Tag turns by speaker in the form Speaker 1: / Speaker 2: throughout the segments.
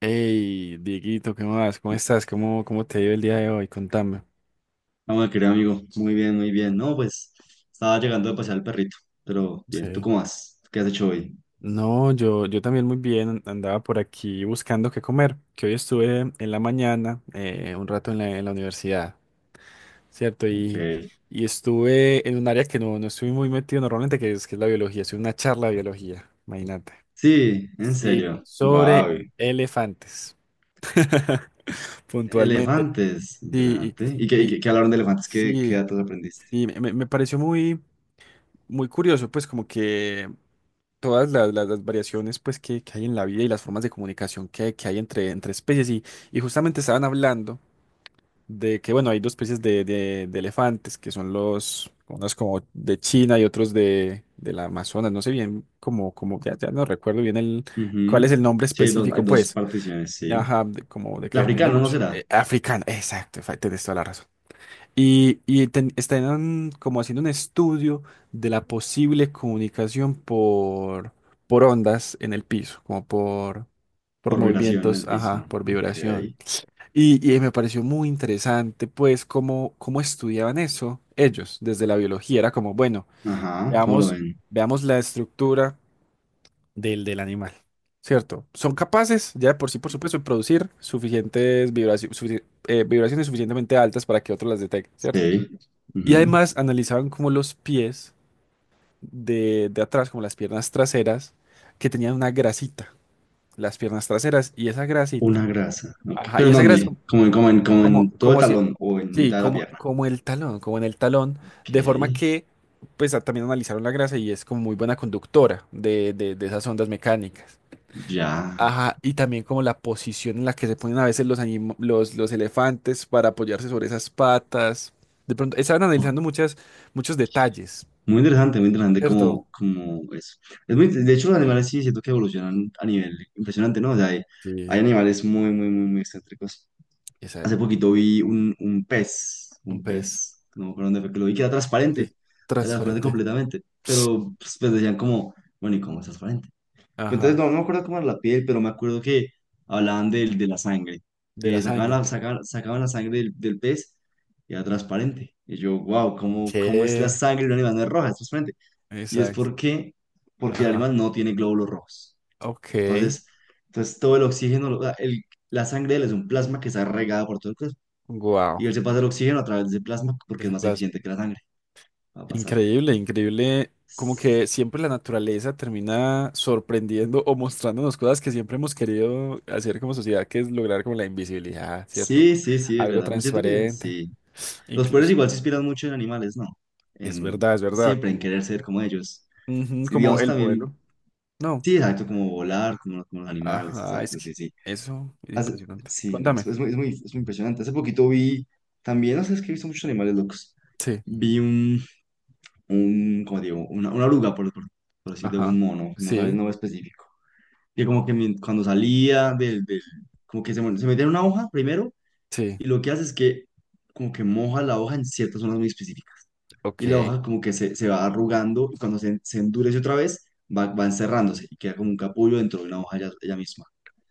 Speaker 1: Hey, Dieguito, ¿qué más? ¿Cómo estás? ¿Cómo te ha ido el día de hoy? Contame.
Speaker 2: Ah, bueno, querido amigo, muy bien, muy bien. No, pues estaba llegando de pasear al perrito, pero bien, ¿tú
Speaker 1: Sí.
Speaker 2: cómo vas? ¿Qué has hecho hoy?
Speaker 1: No, yo también muy bien, andaba por aquí buscando qué comer, que hoy estuve en la mañana, un rato en la universidad, ¿cierto?
Speaker 2: Ok.
Speaker 1: Y estuve en un área que no estoy muy metido normalmente, que es la biología, estuve una charla de biología, imagínate.
Speaker 2: Sí, en
Speaker 1: Sí,
Speaker 2: serio.
Speaker 1: sobre
Speaker 2: Guau.
Speaker 1: elefantes, puntualmente.
Speaker 2: Elefantes,
Speaker 1: Sí,
Speaker 2: interesante. ¿Y qué,
Speaker 1: y,
Speaker 2: y
Speaker 1: y-
Speaker 2: qué- qué hablaron de elefantes? ¿Qué
Speaker 1: sí,
Speaker 2: datos aprendiste?
Speaker 1: sí, me pareció muy curioso, pues como que todas las variaciones pues que hay en la vida y las formas de comunicación que hay entre especies y justamente estaban hablando de que bueno, hay dos especies de, de elefantes que son unos como de China y otros de la Amazonas, no sé bien como ya no recuerdo bien cuál es
Speaker 2: Ujú.
Speaker 1: el nombre
Speaker 2: Sí, hay dos, hay
Speaker 1: específico
Speaker 2: dos
Speaker 1: pues,
Speaker 2: particiones, sí.
Speaker 1: ajá, como de
Speaker 2: El
Speaker 1: que depende
Speaker 2: africano no
Speaker 1: mucho.
Speaker 2: será,
Speaker 1: Africano, exacto, tenés toda la razón. Están como haciendo un estudio de la posible comunicación por ondas en el piso, como por
Speaker 2: por vibración en
Speaker 1: movimientos,
Speaker 2: el
Speaker 1: ajá,
Speaker 2: piso.
Speaker 1: por
Speaker 2: Ok.
Speaker 1: vibración. Y me pareció muy interesante, pues, cómo estudiaban eso ellos desde la biología. Era como, bueno,
Speaker 2: Ajá, ¿cómo lo
Speaker 1: veamos,
Speaker 2: ven?
Speaker 1: veamos la estructura del animal, ¿cierto? Son capaces, ya de por sí, por supuesto, de producir suficientes vibraciones suficientemente altas para que otros las detecten, ¿cierto?
Speaker 2: Sí.
Speaker 1: Y
Speaker 2: Ujú.
Speaker 1: además analizaban como los pies de atrás, como las piernas traseras, que tenían una grasita, las piernas traseras, y esa
Speaker 2: Una
Speaker 1: grasita,
Speaker 2: grasa. Ok.
Speaker 1: ajá,
Speaker 2: ¿Pero
Speaker 1: y
Speaker 2: en
Speaker 1: esa grasa
Speaker 2: dónde?
Speaker 1: como,
Speaker 2: Como en, como en, como
Speaker 1: como,
Speaker 2: en todo el
Speaker 1: como si,
Speaker 2: talón o en
Speaker 1: sí,
Speaker 2: mitad de la
Speaker 1: como,
Speaker 2: pierna.
Speaker 1: como el talón, como en el talón,
Speaker 2: Ok.
Speaker 1: de forma que, también analizaron la grasa y es como muy buena conductora de esas ondas mecánicas.
Speaker 2: Ya.
Speaker 1: Ajá, y también como la posición en la que se ponen a veces los elefantes para apoyarse sobre esas patas. De pronto, estaban
Speaker 2: Oh,
Speaker 1: analizando muchas, muchos detalles.
Speaker 2: muy interesante, muy interesante
Speaker 1: ¿Cierto?
Speaker 2: como eso. Es muy, de hecho, los animales sí siento que evolucionan a nivel impresionante, ¿no? O sea, hay
Speaker 1: Sí,
Speaker 2: animales muy, muy, muy, muy excéntricos. Hace
Speaker 1: exacto.
Speaker 2: poquito vi un, un pez,
Speaker 1: Un
Speaker 2: un
Speaker 1: pez.
Speaker 2: pez, no me acuerdo dónde fue que lo vi, que
Speaker 1: Sí,
Speaker 2: era transparente
Speaker 1: transparente.
Speaker 2: completamente. Pero pues, decían como, bueno, ¿y cómo es transparente? Pero entonces
Speaker 1: Ajá,
Speaker 2: no me acuerdo cómo era la piel, pero me acuerdo que hablaban de la sangre,
Speaker 1: de la
Speaker 2: que sacaban
Speaker 1: sangre.
Speaker 2: la, sacaban, sacaban la sangre del pez y era transparente. Y yo, wow, ¿cómo es la
Speaker 1: ¿Qué?
Speaker 2: sangre de un animal? No es roja, es transparente. Y es
Speaker 1: Exacto.
Speaker 2: porque el
Speaker 1: Ajá.
Speaker 2: animal no tiene glóbulos rojos.
Speaker 1: Ok.
Speaker 2: Entonces, entonces todo el oxígeno, la sangre de él es un plasma que está regada por todo el cuerpo.
Speaker 1: Wow.
Speaker 2: Y él se pasa el oxígeno a través de ese plasma porque es
Speaker 1: Ese
Speaker 2: más
Speaker 1: plasma.
Speaker 2: eficiente que la sangre. Va a pasar.
Speaker 1: Increíble, increíble. Como que siempre la naturaleza termina sorprendiendo o mostrándonos cosas que siempre hemos querido hacer como sociedad, que es lograr como la invisibilidad, ¿cierto?
Speaker 2: Sí, sí, sí, es
Speaker 1: Algo
Speaker 2: verdad. Yo siento que
Speaker 1: transparente.
Speaker 2: sí. Los pueblos
Speaker 1: Incluso.
Speaker 2: igual se inspiran mucho en animales, ¿no?
Speaker 1: Es
Speaker 2: En,
Speaker 1: verdad, es verdad.
Speaker 2: Siempre en
Speaker 1: Como,
Speaker 2: querer ser como ellos.
Speaker 1: ujú,
Speaker 2: Sí,
Speaker 1: como
Speaker 2: digamos
Speaker 1: el
Speaker 2: también,
Speaker 1: vuelo. No.
Speaker 2: sí, exacto, como volar, como los animales,
Speaker 1: Ajá, es
Speaker 2: exacto,
Speaker 1: que
Speaker 2: sí, sí.
Speaker 1: eso es
Speaker 2: Hace-
Speaker 1: impresionante.
Speaker 2: sí, no,
Speaker 1: Cuéntame.
Speaker 2: es muy impresionante. Hace poquito vi, también, no sé, es que he visto muchos animales locos.
Speaker 1: Sí.
Speaker 2: Vi un como digo, una oruga, por así decirlo, un
Speaker 1: Ajá.
Speaker 2: mono, no sabes el
Speaker 1: Sí,
Speaker 2: nombre específico. Que como que cuando salía como que se metía en una hoja primero,
Speaker 1: sí.
Speaker 2: y lo que hace es que como que moja la hoja en ciertas zonas muy específicas. Y la
Speaker 1: Ok.
Speaker 2: hoja como que se va arrugando y cuando se endurece otra vez va encerrándose y queda como un capullo dentro de una hoja ya ella misma.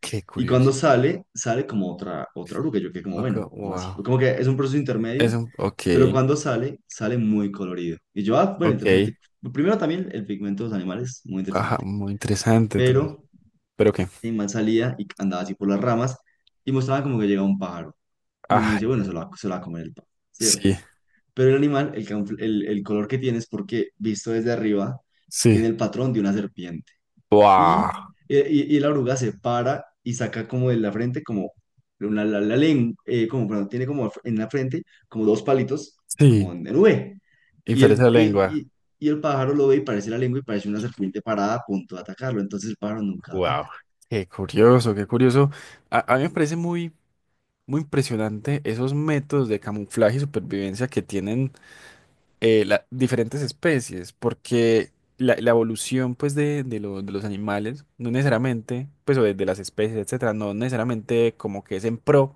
Speaker 1: Qué
Speaker 2: Y cuando
Speaker 1: curioso.
Speaker 2: sale, sale como otra oruga. Yo quedé como,
Speaker 1: Ok,
Speaker 2: bueno, ¿como así?
Speaker 1: wow.
Speaker 2: Como que es un proceso intermedio,
Speaker 1: Eso, ok,
Speaker 2: pero cuando sale, sale muy colorido. Y yo, ah, bueno, interesante.
Speaker 1: ok.
Speaker 2: Primero también el pigmento de los animales, muy
Speaker 1: Ajá,
Speaker 2: interesante.
Speaker 1: muy interesante todo eso.
Speaker 2: Pero
Speaker 1: ¿Pero qué?
Speaker 2: el animal salía y andaba así por las ramas y mostraba como que llegaba un pájaro. Y uno
Speaker 1: Ah,
Speaker 2: dice, bueno, se lo va a comer el pájaro, ¿cierto?
Speaker 1: sí,
Speaker 2: Pero el animal, el color que tiene es porque, visto desde arriba,
Speaker 1: sí.
Speaker 2: tiene el patrón de una serpiente. Y,
Speaker 1: Wow.
Speaker 2: y la oruga se para y saca como de la frente, como la lengua, como, perdón, tiene como en la frente como dos palitos, como
Speaker 1: Sí,
Speaker 2: en V. Y
Speaker 1: inferencia
Speaker 2: el,
Speaker 1: de
Speaker 2: y, el,
Speaker 1: lengua.
Speaker 2: y, y el pájaro lo ve y parece la lengua y parece una serpiente parada a punto de atacarlo. Entonces el pájaro nunca ataca.
Speaker 1: Wow. Qué curioso, qué curioso. A mí me parece muy, muy impresionante esos métodos de camuflaje y supervivencia que tienen. Diferentes especies, porque la evolución pues de los animales, no necesariamente, pues o de las especies, etcétera, no necesariamente como que es en pro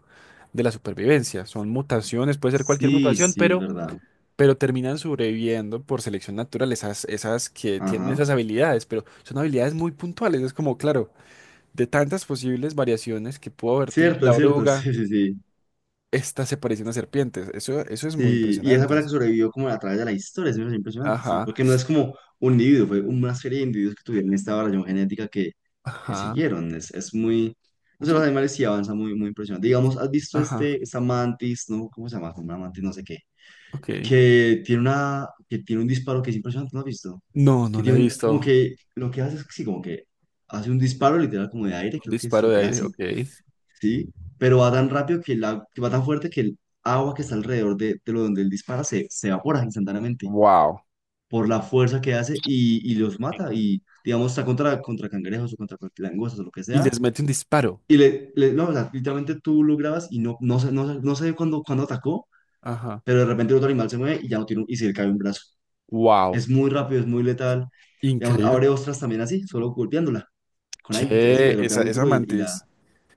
Speaker 1: de la supervivencia, son mutaciones, puede ser cualquier
Speaker 2: Sí,
Speaker 1: mutación,
Speaker 2: sí, es verdad.
Speaker 1: pero terminan sobreviviendo por selección natural, esas que tienen
Speaker 2: Ajá.
Speaker 1: esas habilidades, pero son habilidades muy puntuales, es como, claro, de tantas posibles variaciones que pudo haber tenido
Speaker 2: Cierto,
Speaker 1: la
Speaker 2: cierto,
Speaker 1: oruga,
Speaker 2: sí, sí, sí.
Speaker 1: esta se parece a una serpiente, eso es muy
Speaker 2: Sí, y esa fue
Speaker 1: impresionante.
Speaker 2: la que sobrevivió como a través de la historia, es menos impresionante, sí,
Speaker 1: Ajá,
Speaker 2: porque no es como un individuo, fue una serie de individuos que tuvieron esta variación genética que
Speaker 1: ajá.
Speaker 2: siguieron, es muy, no sé, los animales sí avanzan muy, muy impresionante. Digamos, ¿has visto
Speaker 1: Ajá,
Speaker 2: esta mantis, no, cómo se llama, como una mantis, no sé qué,
Speaker 1: ok.
Speaker 2: que tiene un disparo que es impresionante, ¿no has visto?
Speaker 1: No, no
Speaker 2: Que
Speaker 1: la he
Speaker 2: tiene como
Speaker 1: visto.
Speaker 2: que, lo que hace es, que sí, como que hace un disparo literal como de aire,
Speaker 1: Un
Speaker 2: creo que es
Speaker 1: disparo
Speaker 2: lo
Speaker 1: de
Speaker 2: que
Speaker 1: aire,
Speaker 2: hace,
Speaker 1: ok.
Speaker 2: ¿sí? Pero va tan rápido que el agua, va tan fuerte que el agua que está alrededor de lo donde él dispara se evapora instantáneamente
Speaker 1: Wow,
Speaker 2: por la fuerza que hace y los mata. Y digamos, está contra cangrejos o contra langostas o lo que
Speaker 1: y
Speaker 2: sea.
Speaker 1: les mete un disparo.
Speaker 2: No, o sea, literalmente tú lo grabas y no sé cuándo atacó,
Speaker 1: Ajá,
Speaker 2: pero de repente el otro animal se mueve y ya no tiene y se le cae un brazo.
Speaker 1: wow.
Speaker 2: Es muy rápido, es muy letal. Digamos,
Speaker 1: Increíble.
Speaker 2: abre ostras también así, solo golpeándola. Con ahí, que así
Speaker 1: Che,
Speaker 2: la golpea
Speaker 1: esa,
Speaker 2: muy
Speaker 1: esa
Speaker 2: duro y la
Speaker 1: mantis.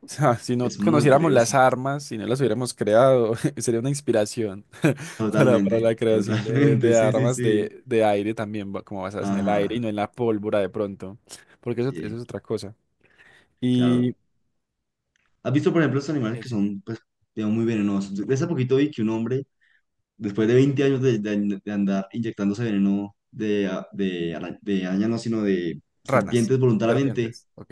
Speaker 1: O sea, si no
Speaker 2: es muy
Speaker 1: conociéramos las
Speaker 2: peligrosa.
Speaker 1: armas, si no las hubiéramos creado, sería una inspiración para
Speaker 2: Totalmente,
Speaker 1: la creación de,
Speaker 2: totalmente,
Speaker 1: de
Speaker 2: sí, sí,
Speaker 1: armas
Speaker 2: sí.
Speaker 1: de aire también, como basadas en el aire y no
Speaker 2: Ajá,
Speaker 1: en la pólvora de pronto, porque eso
Speaker 2: sí,
Speaker 1: es otra cosa. Y
Speaker 2: claro. ¿Has visto, por ejemplo, estos animales
Speaker 1: ¿Qué,
Speaker 2: que
Speaker 1: qué?
Speaker 2: son, pues, digamos, muy venenosos? De hace poquito vi que un hombre, después de 20 años de andar inyectándose veneno de araña, no, sino de
Speaker 1: Ranas,
Speaker 2: serpientes voluntariamente,
Speaker 1: serpientes, ok.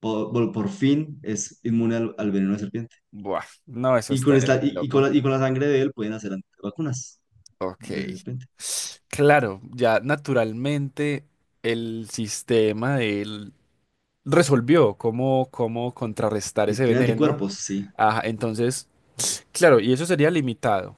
Speaker 2: por fin es inmune al veneno de serpiente.
Speaker 1: Buah, no, eso
Speaker 2: Y
Speaker 1: está
Speaker 2: con,
Speaker 1: es
Speaker 2: esta,
Speaker 1: muy loco.
Speaker 2: y con la sangre de él pueden hacer vacunas de
Speaker 1: Ok.
Speaker 2: serpiente.
Speaker 1: Claro, ya naturalmente el sistema de él resolvió cómo contrarrestar
Speaker 2: Y
Speaker 1: ese
Speaker 2: tiene
Speaker 1: veneno.
Speaker 2: anticuerpos, sí.
Speaker 1: Ajá, entonces, claro, y eso sería limitado.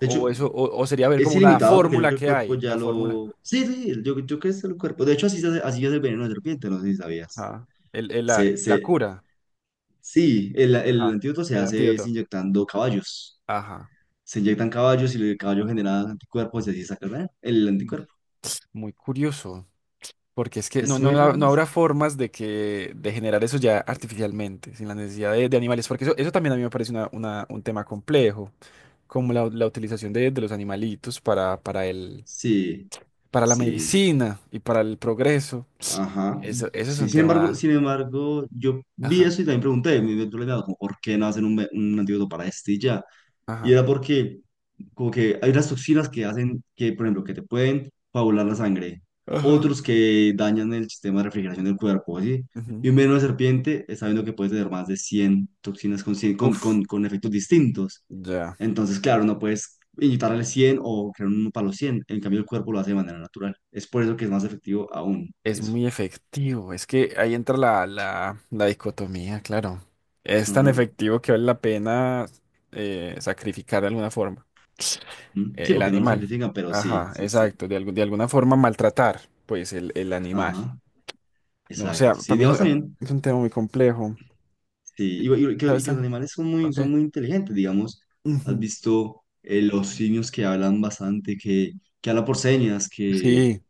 Speaker 2: De
Speaker 1: O
Speaker 2: hecho,
Speaker 1: eso, o sería ver
Speaker 2: es
Speaker 1: como una
Speaker 2: ilimitado porque yo
Speaker 1: fórmula
Speaker 2: creo
Speaker 1: que
Speaker 2: que el
Speaker 1: hay,
Speaker 2: cuerpo ya
Speaker 1: la fórmula.
Speaker 2: lo... Sí, sí, yo creo que es el cuerpo. De hecho, así se hace, así es el veneno de serpiente, no sé si sabías.
Speaker 1: Ajá. El, el- la,
Speaker 2: Se,
Speaker 1: la
Speaker 2: se,
Speaker 1: cura.
Speaker 2: sí, el
Speaker 1: Ajá.
Speaker 2: antídoto se
Speaker 1: El
Speaker 2: hace es
Speaker 1: antídoto.
Speaker 2: inyectando caballos.
Speaker 1: Ajá.
Speaker 2: Se inyectan caballos y el caballo genera anticuerpos y así saca el veneno, el
Speaker 1: Mm.
Speaker 2: anticuerpo.
Speaker 1: Muy curioso. Porque es que no,
Speaker 2: Es
Speaker 1: no,
Speaker 2: muy raro.
Speaker 1: ha- no
Speaker 2: No sé.
Speaker 1: habrá formas de que de generar eso ya artificialmente, sin la necesidad de animales, porque eso también a mí me parece un tema complejo, como la utilización de los animalitos
Speaker 2: Sí,
Speaker 1: para la
Speaker 2: sí,
Speaker 1: medicina y para el progreso.
Speaker 2: ajá.
Speaker 1: Eso es
Speaker 2: Sí,
Speaker 1: un
Speaker 2: sin embargo,
Speaker 1: tema.
Speaker 2: sin embargo, yo vi
Speaker 1: Ajá,
Speaker 2: eso y también pregunté, yo le he como, ¿por qué no hacen un antídoto para este y ya? Y
Speaker 1: ajá.
Speaker 2: era porque como que hay unas toxinas que hacen que, por ejemplo, que te pueden coagular la sangre,
Speaker 1: Ajá.
Speaker 2: otros que dañan el sistema de refrigeración del cuerpo, ¿sí?
Speaker 1: Ujú.
Speaker 2: Y un veneno de serpiente está viendo que puede tener más de 100 toxinas con, cien-
Speaker 1: Uf,
Speaker 2: con efectos distintos.
Speaker 1: ya.
Speaker 2: Entonces, claro, no puedes inyectarle 100 o crear uno para los 100. En cambio, el cuerpo lo hace de manera natural. Es por eso que es más efectivo aún
Speaker 1: Es
Speaker 2: eso.
Speaker 1: muy efectivo. Es que ahí entra la dicotomía, claro. Es tan
Speaker 2: Ajá.
Speaker 1: efectivo que vale la pena sacrificar de alguna forma.
Speaker 2: Mm, sí,
Speaker 1: El
Speaker 2: porque no lo
Speaker 1: animal.
Speaker 2: sacrifican, pero sí,
Speaker 1: Ajá,
Speaker 2: sí, sí.
Speaker 1: exacto. De alguna forma maltratar, pues, el animal.
Speaker 2: Ajá.
Speaker 1: No, o
Speaker 2: Exacto.
Speaker 1: sea,
Speaker 2: Sí,
Speaker 1: para mí es
Speaker 2: digamos
Speaker 1: un,
Speaker 2: también.
Speaker 1: es un tema muy complejo.
Speaker 2: Sí,
Speaker 1: Eh, ¿Sabes?
Speaker 2: que los animales son muy,
Speaker 1: Ok.
Speaker 2: son muy inteligentes, digamos. Has
Speaker 1: Ujú.
Speaker 2: visto los simios que hablan bastante, que hablan por señas, que
Speaker 1: Sí,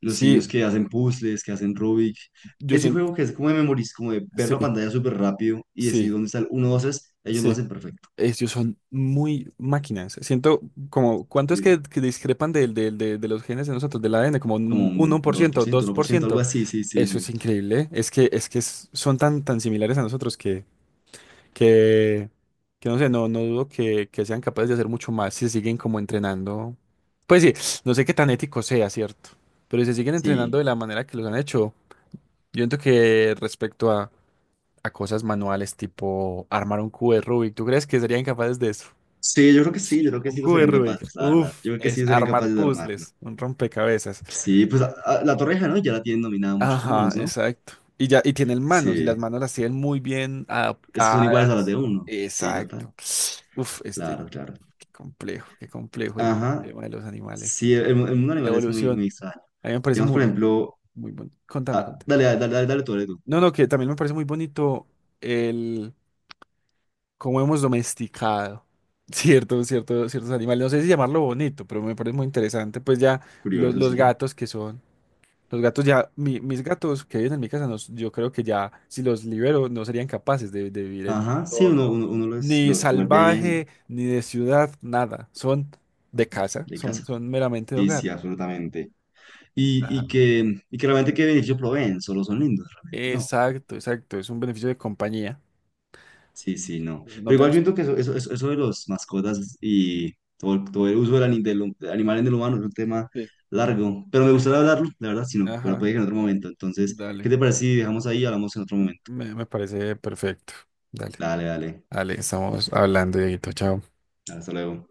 Speaker 2: los simios
Speaker 1: sí,
Speaker 2: que hacen puzzles, que hacen Rubik.
Speaker 1: yo
Speaker 2: Ese
Speaker 1: siento,
Speaker 2: juego que es como de como de ver la
Speaker 1: sí,
Speaker 2: pantalla súper rápido y decir
Speaker 1: sí,
Speaker 2: dónde está el 1, 2, 3, ellos lo
Speaker 1: sí.
Speaker 2: hacen perfecto.
Speaker 1: Ellos son muy máquinas. Siento como, ¿cuánto es
Speaker 2: Sí,
Speaker 1: que discrepan de los genes de nosotros, del ADN? Como
Speaker 2: como
Speaker 1: un
Speaker 2: un
Speaker 1: uno por
Speaker 2: dos por
Speaker 1: ciento,
Speaker 2: ciento
Speaker 1: dos
Speaker 2: uno por
Speaker 1: por
Speaker 2: ciento, algo
Speaker 1: ciento,
Speaker 2: así, sí, sí,
Speaker 1: Eso
Speaker 2: sí.
Speaker 1: es increíble. Es que son tan, tan similares a nosotros que, que no sé, no dudo que sean capaces de hacer mucho más si siguen como entrenando. Pues sí, no sé qué tan ético sea, ¿cierto? Pero si siguen entrenando
Speaker 2: Sí,
Speaker 1: de la manera que los han hecho, yo siento que respecto a cosas manuales tipo armar un cubo de Rubik, ¿tú crees que serían capaces de eso?
Speaker 2: sí, yo creo que sí, yo creo que
Speaker 1: Un
Speaker 2: sí lo
Speaker 1: cubo de
Speaker 2: serían
Speaker 1: Rubik,
Speaker 2: capaces, la verdad.
Speaker 1: uff,
Speaker 2: Yo creo que
Speaker 1: es
Speaker 2: sí serían
Speaker 1: armar
Speaker 2: capaces de armarlo.
Speaker 1: puzzles, un rompecabezas.
Speaker 2: Sí, pues la torreja, ¿no? Ya la tienen dominada muchos
Speaker 1: Ajá,
Speaker 2: monos, ¿no?
Speaker 1: exacto. Y ya, y tienen manos, y las
Speaker 2: Sí.
Speaker 1: manos las tienen muy bien
Speaker 2: Es que son iguales a las de
Speaker 1: adaptadas.
Speaker 2: uno. Sí, total.
Speaker 1: Exacto. Uf.
Speaker 2: Claro, claro.
Speaker 1: Qué complejo el
Speaker 2: Ajá.
Speaker 1: tema de los animales
Speaker 2: Sí, el mundo
Speaker 1: y la
Speaker 2: animal es muy,
Speaker 1: evolución.
Speaker 2: muy extraño.
Speaker 1: A mí me parece
Speaker 2: Digamos,
Speaker 1: muy,
Speaker 2: por ejemplo,
Speaker 1: muy bonito. Contame,
Speaker 2: ah,
Speaker 1: contame.
Speaker 2: dale, dale, dale, dale, tú, dale tú.
Speaker 1: No, no, que también me parece muy bonito el cómo hemos domesticado ciertos animales. No sé si llamarlo bonito, pero me parece muy interesante. Pues ya los,
Speaker 2: Curioso,
Speaker 1: los
Speaker 2: sí.
Speaker 1: gatos que son. Los gatos ya, mis gatos que viven en mi casa, yo creo que ya si los libero no serían capaces de vivir en un
Speaker 2: Ajá, sí, uno,
Speaker 1: entorno
Speaker 2: uno, uno los,
Speaker 1: ni
Speaker 2: los vuelve
Speaker 1: salvaje, ni de ciudad, nada. Son
Speaker 2: ajá,
Speaker 1: de casa,
Speaker 2: de
Speaker 1: son,
Speaker 2: casa.
Speaker 1: son meramente de
Speaker 2: Sí, sí,
Speaker 1: hogar.
Speaker 2: absolutamente. Y,
Speaker 1: Ajá.
Speaker 2: y que, y que realmente qué beneficio proveen, solo son lindos, realmente. ¿No?
Speaker 1: Exacto, exacto. Es un beneficio de compañía.
Speaker 2: Sí, sí, no.
Speaker 1: No
Speaker 2: Pero igual yo
Speaker 1: tenemos.
Speaker 2: entiendo que eso de las mascotas y todo, todo el uso del animal en el humano es un tema
Speaker 1: Sí.
Speaker 2: largo. Pero me gustaría hablarlo, la verdad, sino, pero
Speaker 1: Ajá,
Speaker 2: puede que en otro momento. Entonces, ¿qué
Speaker 1: dale.
Speaker 2: te parece si dejamos ahí y hablamos en otro momento?
Speaker 1: Me parece perfecto. Dale,
Speaker 2: Dale, dale.
Speaker 1: dale, estamos hablando, Dieguito. Chao.
Speaker 2: Hasta luego.